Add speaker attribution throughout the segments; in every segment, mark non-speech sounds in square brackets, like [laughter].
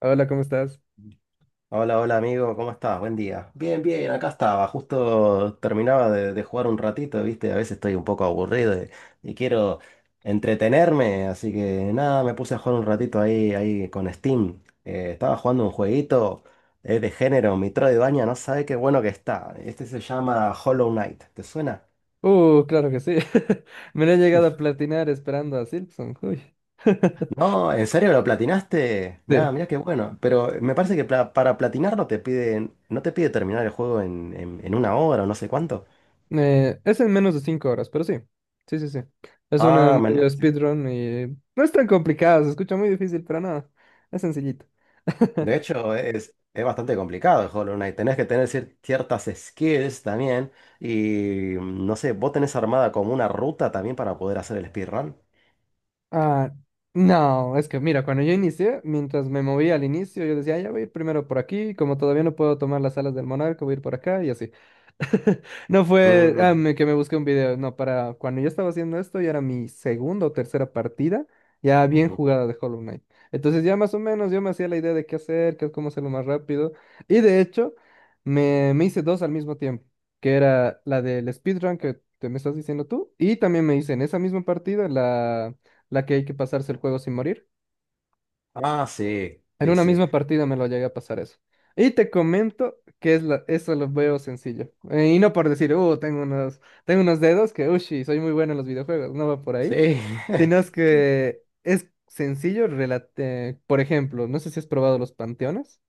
Speaker 1: Hola, ¿cómo estás?
Speaker 2: Hola, hola amigo, ¿cómo estás? Buen día. Bien, bien, acá estaba, justo terminaba de jugar un ratito, ¿viste? A veces estoy un poco aburrido y quiero entretenerme, así que nada, me puse a jugar un ratito ahí con Steam. Estaba jugando un jueguito, es de género, mi trova de baña, no sabe qué bueno que está. Este se llama Hollow Knight, ¿te suena?
Speaker 1: Claro que sí. [laughs] Me lo he llegado a platinar esperando a Silksong. Uy. [laughs]
Speaker 2: No, ¿en serio lo platinaste? Mirá,
Speaker 1: Sí.
Speaker 2: mirá qué bueno. Pero me parece que para platinarlo te piden, no te pide terminar el juego en una hora o no sé cuánto.
Speaker 1: Es en menos de 5 horas, pero sí. Sí, sí, sí. Es una
Speaker 2: Ah, menos.
Speaker 1: medio
Speaker 2: Sí.
Speaker 1: speedrun y no es tan complicado, se escucha muy difícil, pero no. Es sencillito.
Speaker 2: De
Speaker 1: [laughs]
Speaker 2: hecho, es bastante complicado el Hollow Knight. Tenés que tener ciertas skills también. Y no sé, ¿vos tenés armada como una ruta también para poder hacer el speedrun?
Speaker 1: Ah, no, es que mira, cuando yo inicié, mientras me movía al inicio, yo decía, "Ah, ya voy a ir primero por aquí, como todavía no puedo tomar las alas del monarca, voy a ir por acá y así." [laughs] No fue
Speaker 2: Mm,
Speaker 1: que me busqué un video, no, para cuando yo estaba haciendo esto, ya era mi segunda o tercera partida, ya bien
Speaker 2: ujú.
Speaker 1: jugada de Hollow Knight. Entonces ya más o menos yo me hacía la idea de qué hacer, qué, cómo hacerlo más rápido. Y de hecho, me hice dos al mismo tiempo, que era la del speedrun que te me estás diciendo tú, y también me hice en esa misma partida la que hay que pasarse el juego sin morir.
Speaker 2: Ah, sí,
Speaker 1: En
Speaker 2: sí,
Speaker 1: una
Speaker 2: sí.
Speaker 1: misma partida me lo llegué a pasar eso. Y te comento que es la, eso lo veo sencillo. Y no por decir, tengo unos dedos que, ushi, soy muy bueno en los videojuegos, no va por ahí.
Speaker 2: Sí.
Speaker 1: Sino es
Speaker 2: [laughs]
Speaker 1: que es sencillo, por ejemplo, no sé si has probado los panteones.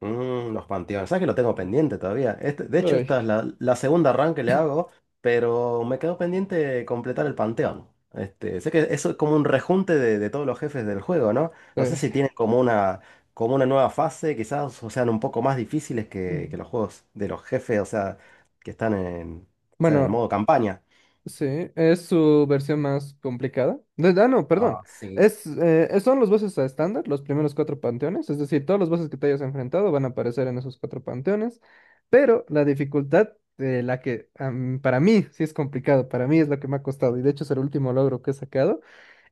Speaker 2: Los panteones. ¿Sabes que lo tengo pendiente todavía? De hecho,
Speaker 1: Uy,
Speaker 2: esta es la segunda run que le hago, pero me quedó pendiente completar el panteón. Sé que eso es como un rejunte de todos los jefes del juego, ¿no? No sé si
Speaker 1: eh,
Speaker 2: tienen como una nueva fase, quizás, o sean un poco más difíciles que
Speaker 1: mm,
Speaker 2: los juegos de los jefes, o sea, que están en, o sea, en el
Speaker 1: bueno,
Speaker 2: modo campaña.
Speaker 1: sí, es su versión más complicada. Ah, no, perdón.
Speaker 2: Ah, sí.
Speaker 1: Es, son los bosses a estándar, los primeros cuatro panteones. Es decir, todos los bosses que te hayas enfrentado van a aparecer en esos cuatro panteones. Pero la dificultad de la que para mí sí es complicado, para mí es lo que me ha costado. Y de hecho es el último logro que he sacado,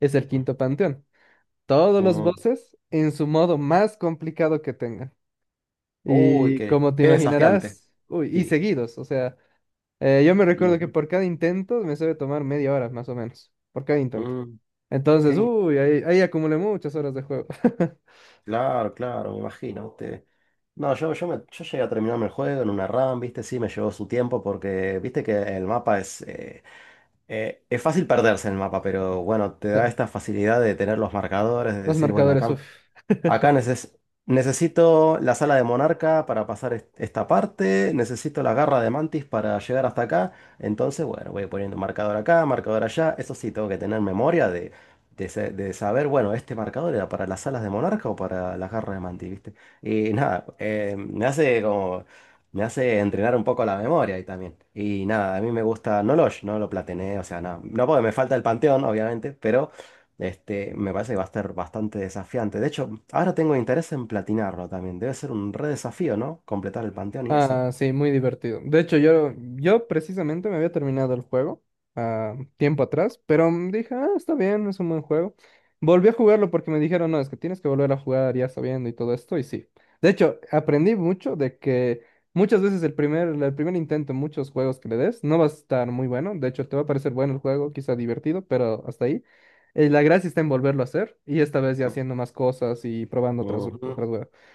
Speaker 1: es el quinto panteón. Todos los
Speaker 2: Mm.
Speaker 1: bosses en su modo más complicado que tengan.
Speaker 2: Uy,
Speaker 1: Y
Speaker 2: qué,
Speaker 1: como te
Speaker 2: qué desafiante.
Speaker 1: imaginarás, uy, y
Speaker 2: Sí.
Speaker 1: seguidos, o sea. Yo me recuerdo que
Speaker 2: Ujú.
Speaker 1: por cada intento me suele tomar media hora, más o menos, por cada intento.
Speaker 2: Mm,
Speaker 1: Entonces,
Speaker 2: qué,
Speaker 1: uy, ahí acumulé muchas horas de juego. [laughs]
Speaker 2: Claro, claro, me imagino. Usted. No, yo llegué a terminarme el juego en una RAM, viste, sí, me llevó su tiempo porque viste que el mapa es, es fácil perderse en el mapa, pero bueno, te
Speaker 1: Sí,
Speaker 2: da esta facilidad de tener los marcadores, de
Speaker 1: los
Speaker 2: decir, bueno,
Speaker 1: marcadores,
Speaker 2: acá
Speaker 1: uff.
Speaker 2: Acá neces- necesito la sala de Monarca para pasar esta parte, necesito la garra de Mantis para llegar hasta acá. Entonces, bueno, voy poniendo marcador acá, marcador allá. Eso sí, tengo que tener memoria de saber, bueno, este marcador era para las salas de Monarca o para las garras de Mantis, ¿viste? Y nada, me hace como. Me hace entrenar un poco la memoria ahí también. Y nada, a mí me gusta Nolosh, no lo platiné, o sea, no, no porque me falta el panteón, obviamente, me parece que va a ser bastante desafiante. De hecho, ahora tengo interés en platinarlo también. Debe ser un re desafío, ¿no? Completar el panteón y eso.
Speaker 1: Ah, sí, muy divertido. De hecho, yo precisamente me había terminado el juego ah, tiempo atrás, pero mm, dije, ah, está bien, es un buen juego. Volví a jugarlo porque me dijeron, no, es que tienes que volver a jugar ya sabiendo y todo esto, y sí. De hecho, aprendí mucho de que muchas veces el primer intento en muchos juegos que le des no va a estar muy bueno. De hecho, te va a parecer bueno el juego, quizá divertido, pero hasta ahí. La gracia está en volverlo a hacer, y esta vez ya haciendo más cosas y probando otras,
Speaker 2: Ujú.
Speaker 1: otras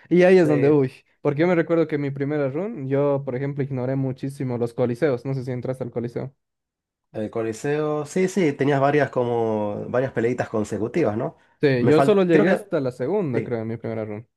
Speaker 1: y ahí es donde,
Speaker 2: Sí,
Speaker 1: uy, porque yo me recuerdo que en mi primera run, yo, por ejemplo, ignoré muchísimo los coliseos, no sé si entraste al coliseo.
Speaker 2: el Coliseo. Sí, sí, tenías varias como varias peleitas consecutivas, ¿no?
Speaker 1: Sí, yo solo
Speaker 2: Creo
Speaker 1: llegué
Speaker 2: que
Speaker 1: hasta la segunda,
Speaker 2: sí.
Speaker 1: creo, en mi primera run.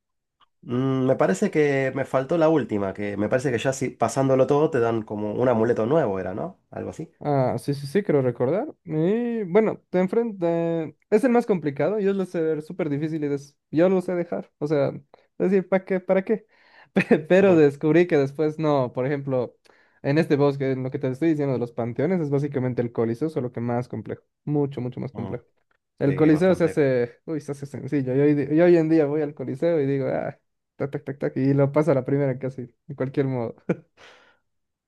Speaker 2: Me parece que me faltó la última, que me parece que ya si pasándolo todo te dan como un amuleto nuevo, era, ¿no? Algo así.
Speaker 1: Ah, sí, sí, sí, creo recordar. Y bueno, te enfrenta. Es el más complicado. Yo lo sé ver súper difícil y yo lo sé dejar. O sea, decir, ¿para qué? ¿Para qué? [laughs] Pero
Speaker 2: Mm,
Speaker 1: descubrí que después no. Por ejemplo, en este bosque, en lo que te estoy diciendo de los panteones, es básicamente el Coliseo, solo que más complejo. Mucho, mucho más
Speaker 2: mm.
Speaker 1: complejo. El
Speaker 2: Sí,
Speaker 1: Coliseo se
Speaker 2: bastante.
Speaker 1: hace. Uy, se hace sencillo. Yo hoy, yo hoy en día voy al Coliseo y digo, ah, tac, tac, tac, tac, y lo paso a la primera casi, de cualquier modo. [laughs]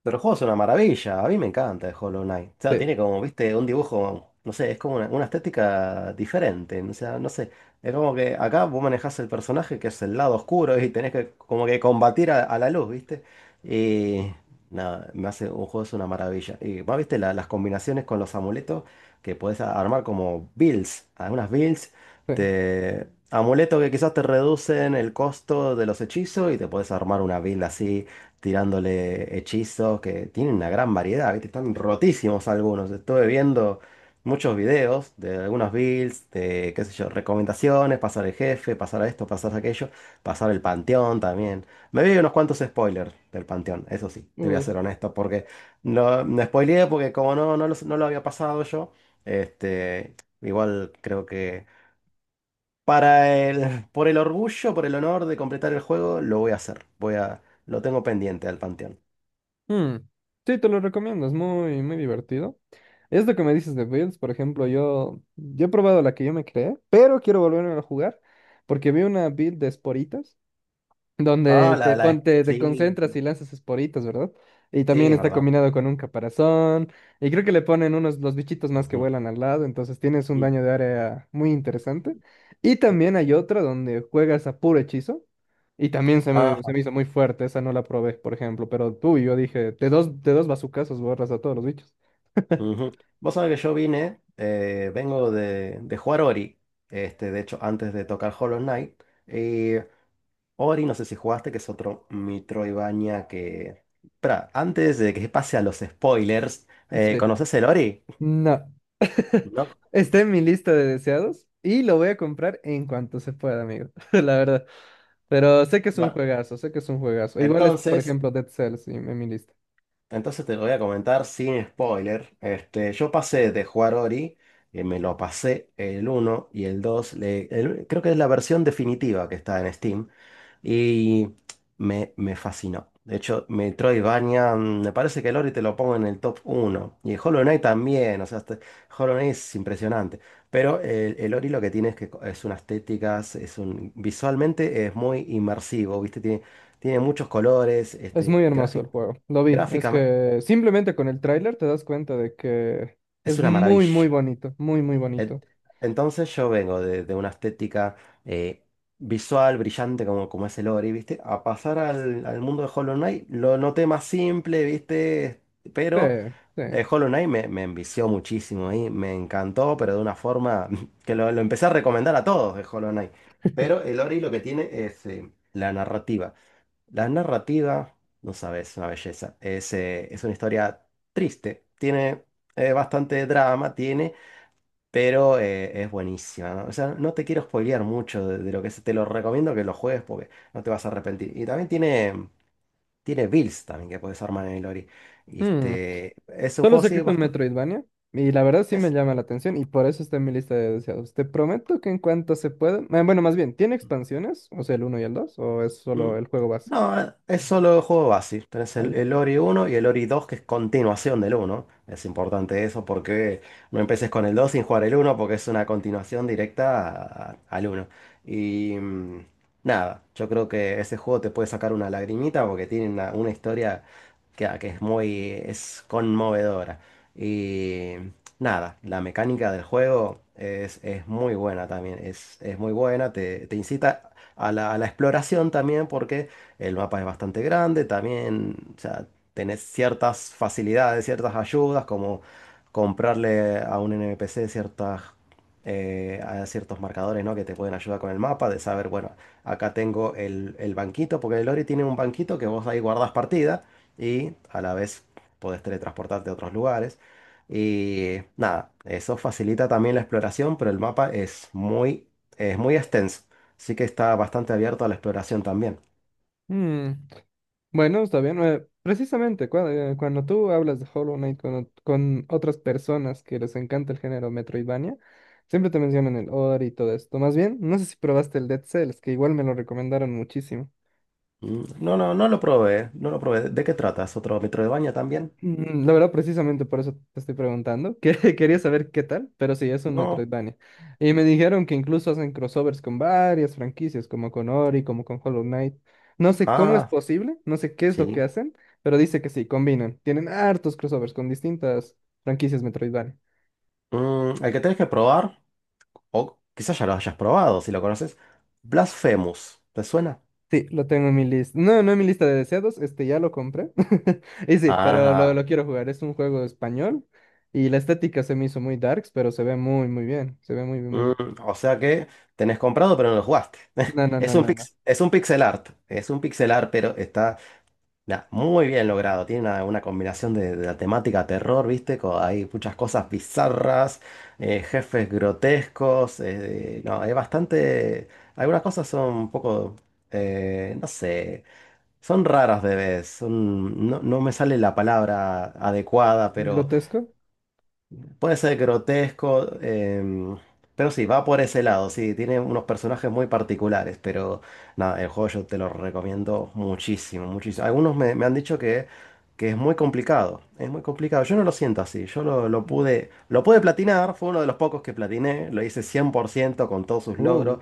Speaker 2: Pero el juego es una maravilla, a mí me encanta el Hollow Knight. O sea,
Speaker 1: Sí,
Speaker 2: tiene como, viste, un dibujo, no sé, es como una estética diferente. O sea, no sé, es como que acá vos manejás el personaje que es el lado oscuro y tenés que como que combatir a la luz, viste. Y nada, me hace un juego es una maravilla. Y más, viste, las combinaciones con los amuletos que podés armar como builds, algunas builds,
Speaker 1: sí.
Speaker 2: amuletos que quizás te reducen el costo de los hechizos y te podés armar una build así tirándole hechizos, que tienen una gran variedad, ¿viste? Están rotísimos algunos. Estuve viendo muchos videos de algunos builds, de qué sé yo, recomendaciones, pasar el jefe, pasar a esto, pasar a aquello, pasar el panteón también. Me vi unos cuantos spoilers del panteón, eso sí, te voy a
Speaker 1: Uh.
Speaker 2: ser honesto, porque no, me spoileé porque como no, no lo había pasado yo, este, igual creo que. Para el orgullo, por el honor de completar el juego, lo voy a hacer. Lo tengo pendiente al panteón.
Speaker 1: Mm, sí, te lo recomiendo, es muy, muy divertido. Es lo que me dices de Builds, por ejemplo, yo he probado la que yo me creé, pero quiero volverme a jugar porque vi una build de esporitas
Speaker 2: Ah,
Speaker 1: donde te
Speaker 2: sí,
Speaker 1: concentras y lanzas esporitas, ¿verdad? Y
Speaker 2: sí,
Speaker 1: también
Speaker 2: es
Speaker 1: está
Speaker 2: verdad.
Speaker 1: combinado con un caparazón, y creo que le ponen unos los bichitos más que
Speaker 2: Ujú,
Speaker 1: vuelan al lado, entonces tienes un
Speaker 2: ujú,
Speaker 1: daño de área muy interesante. Y
Speaker 2: sí.
Speaker 1: también hay otro donde juegas a puro hechizo, y también se me,
Speaker 2: Ajá.
Speaker 1: se me hizo muy fuerte, esa no la probé, por ejemplo, pero tú y yo dije, de dos bazucazos borras a todos los bichos.
Speaker 2: Ujú. Vos sabés que yo vine, vengo de jugar Ori, de hecho, antes de tocar Hollow Knight. Y Ori, no sé si jugaste, que es otro Metroidvania que. Espera, antes de que pase a los spoilers,
Speaker 1: Sí.
Speaker 2: ¿conoces el Ori?
Speaker 1: No,
Speaker 2: No.
Speaker 1: está en mi lista de deseados, y lo voy a comprar en cuanto se pueda, amigo, [laughs] la verdad. Pero sé que es un
Speaker 2: Bueno,
Speaker 1: juegazo, sé que es un juegazo. Igual está, por
Speaker 2: entonces...
Speaker 1: ejemplo, Dead Cells en mi lista.
Speaker 2: Entonces te lo voy a comentar sin spoiler. Yo pasé de jugar Ori, me lo pasé el uno y el 2. Creo que es la versión definitiva que está en Steam. Y me fascinó. De hecho, Metroidvania, me parece que el Ori te lo pongo en el top uno y el Hollow Knight también. O sea, Hollow Knight es impresionante. Pero el Ori lo que tiene es que es unas estéticas, visualmente es muy inmersivo, ¿viste? Tiene muchos colores,
Speaker 1: Es muy hermoso el juego. Lo vi. Es
Speaker 2: gráficamente.
Speaker 1: que simplemente con el tráiler te das cuenta de que
Speaker 2: Es
Speaker 1: es
Speaker 2: una
Speaker 1: muy, muy
Speaker 2: maravilla.
Speaker 1: bonito. Muy, muy
Speaker 2: En-
Speaker 1: bonito.
Speaker 2: Entonces yo vengo de una estética eh, visual, brillante, como es el Ori, ¿viste? A pasar al mundo de Hollow Knight, lo noté más simple, ¿viste?
Speaker 1: Sí,
Speaker 2: Pero
Speaker 1: sí.
Speaker 2: Hollow Knight me envició muchísimo y me encantó, pero de una forma [laughs] que lo empecé a recomendar a todos de Hollow Knight. Pero el Ori lo que tiene es la narrativa. La narrativa, no sabes, es una belleza. Es una historia triste, tiene bastante drama, tiene. Pero es buenísima, ¿no? O sea, no te quiero spoilear mucho de lo que es. Te lo recomiendo que lo juegues porque no te vas a arrepentir. Y también tiene builds también que puedes armar en el Ori.
Speaker 1: Hmm.
Speaker 2: Es un
Speaker 1: Solo
Speaker 2: juego,
Speaker 1: sé que
Speaker 2: sí,
Speaker 1: es un
Speaker 2: bastante.
Speaker 1: Metroidvania. Y la verdad sí me llama la atención. Y por eso está en mi lista de deseados. Te prometo que en cuanto se pueda. Bueno, más bien, ¿tiene expansiones? O sea, ¿el uno y el 2 o es
Speaker 2: Mm.
Speaker 1: solo el juego base?
Speaker 2: No, es solo el juego base. Tenés
Speaker 1: Ah,
Speaker 2: el,
Speaker 1: ya.
Speaker 2: el Ori uno y el Ori 2, que es continuación del uno. Es importante eso porque no empeces con el 2 sin jugar el uno, porque es una continuación directa al uno. Y nada, yo creo que ese juego te puede sacar una lagrimita porque tiene una historia que es muy, es conmovedora. Y nada, la mecánica del juego es muy buena también. Es muy buena, te incita a la exploración también, porque el mapa es bastante grande, también, o sea, tenés ciertas facilidades, ciertas ayudas, como comprarle a un NPC ciertas, a ciertos marcadores, ¿no? que te pueden ayudar con el mapa, de saber, bueno, acá tengo el banquito, porque el Ori tiene un banquito que vos ahí guardás partida y a la vez podés teletransportarte a otros lugares. Y nada, eso facilita también la exploración, pero el mapa es muy extenso. Así que está bastante abierto a la exploración también.
Speaker 1: Hmm. Bueno, está bien. Precisamente cuando tú hablas de Hollow Knight con, con otras personas que les encanta el género Metroidvania, siempre te mencionan el Ori y todo esto. Más bien, no sé si probaste el Dead Cells, que igual me lo recomendaron muchísimo.
Speaker 2: Mm, no, no, no lo probé, no lo probé. ¿De qué tratas? ¿Otro Metroidvania también?
Speaker 1: Mm, la verdad, precisamente por eso te estoy preguntando, que [laughs] quería saber qué tal, pero sí, es un
Speaker 2: No.
Speaker 1: Metroidvania. Y me dijeron que incluso hacen crossovers con varias franquicias, como con Ori, como con Hollow Knight. No sé cómo es
Speaker 2: Ah,
Speaker 1: posible, no sé qué es lo
Speaker 2: sí.
Speaker 1: que hacen, pero dice que sí, combinan. Tienen hartos crossovers con distintas franquicias Metroidvania.
Speaker 2: El que tenés que probar, o quizás ya lo hayas probado si lo conoces, Blasphemous. ¿Te suena?
Speaker 1: Sí, lo tengo en mi lista. No, no en mi lista de deseados, este ya lo compré. [laughs] Y sí, pero lo,
Speaker 2: Ajá.
Speaker 1: lo quiero jugar. Es un juego español y la estética se me hizo muy darks, pero se ve muy, muy bien. Se ve muy, bien, muy
Speaker 2: Mm,
Speaker 1: bien.
Speaker 2: o sea que tenés comprado pero no lo jugaste.
Speaker 1: No,
Speaker 2: [laughs]
Speaker 1: no,
Speaker 2: Es
Speaker 1: no,
Speaker 2: un
Speaker 1: no, no.
Speaker 2: pix, es un pixel art. Es un pixel art, pero está nah, muy bien logrado. Tiene una combinación de la temática terror, ¿viste? Hay muchas cosas bizarras, jefes grotescos. No, hay bastante. Algunas cosas son un poco. No sé. Son raras de vez. No, no me sale la palabra adecuada, pero
Speaker 1: ¿Grotesco?
Speaker 2: puede ser grotesco, pero sí, va por ese lado, sí, tiene unos personajes muy particulares, pero nada, el juego yo te lo recomiendo muchísimo, muchísimo. Algunos me han dicho que es muy complicado, yo no lo siento así, yo lo pude, lo pude, platinar, fue uno de los pocos que platiné, lo hice 100% con todos sus
Speaker 1: Uh,
Speaker 2: logros,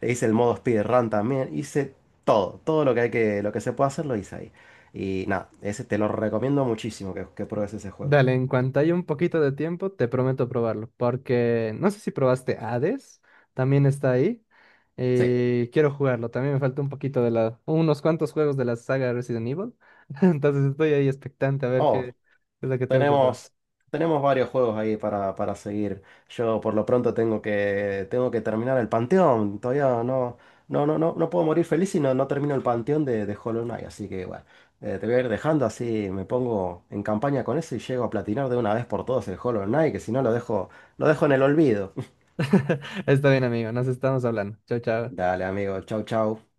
Speaker 2: e hice el modo speedrun también, hice todo, todo lo que se puede hacer lo hice ahí. Y nada, ese te lo recomiendo muchísimo que pruebes ese juego.
Speaker 1: dale, en cuanto haya un poquito de tiempo, te prometo probarlo, porque no sé si probaste Hades, también está ahí,
Speaker 2: Sí.
Speaker 1: y quiero jugarlo, también me falta un poquito de la, unos cuantos juegos de la saga Resident Evil, [laughs] entonces estoy ahí expectante a ver
Speaker 2: Oh,
Speaker 1: qué es lo que tengo que probar.
Speaker 2: Tenemos, tenemos varios juegos ahí para seguir. Yo por lo pronto tengo que terminar el Panteón. Todavía no, no, no, no, no puedo morir feliz si no, no termino el Panteón de Hollow Knight. Así que bueno, te voy a ir dejando así, me pongo en campaña con eso y llego a platinar de una vez por todas el Hollow Knight, que si no lo dejo, lo dejo en el olvido. [laughs]
Speaker 1: [laughs] Está bien, amigo, nos estamos hablando. Chao, chao.
Speaker 2: Dale, amigo, chau, chau.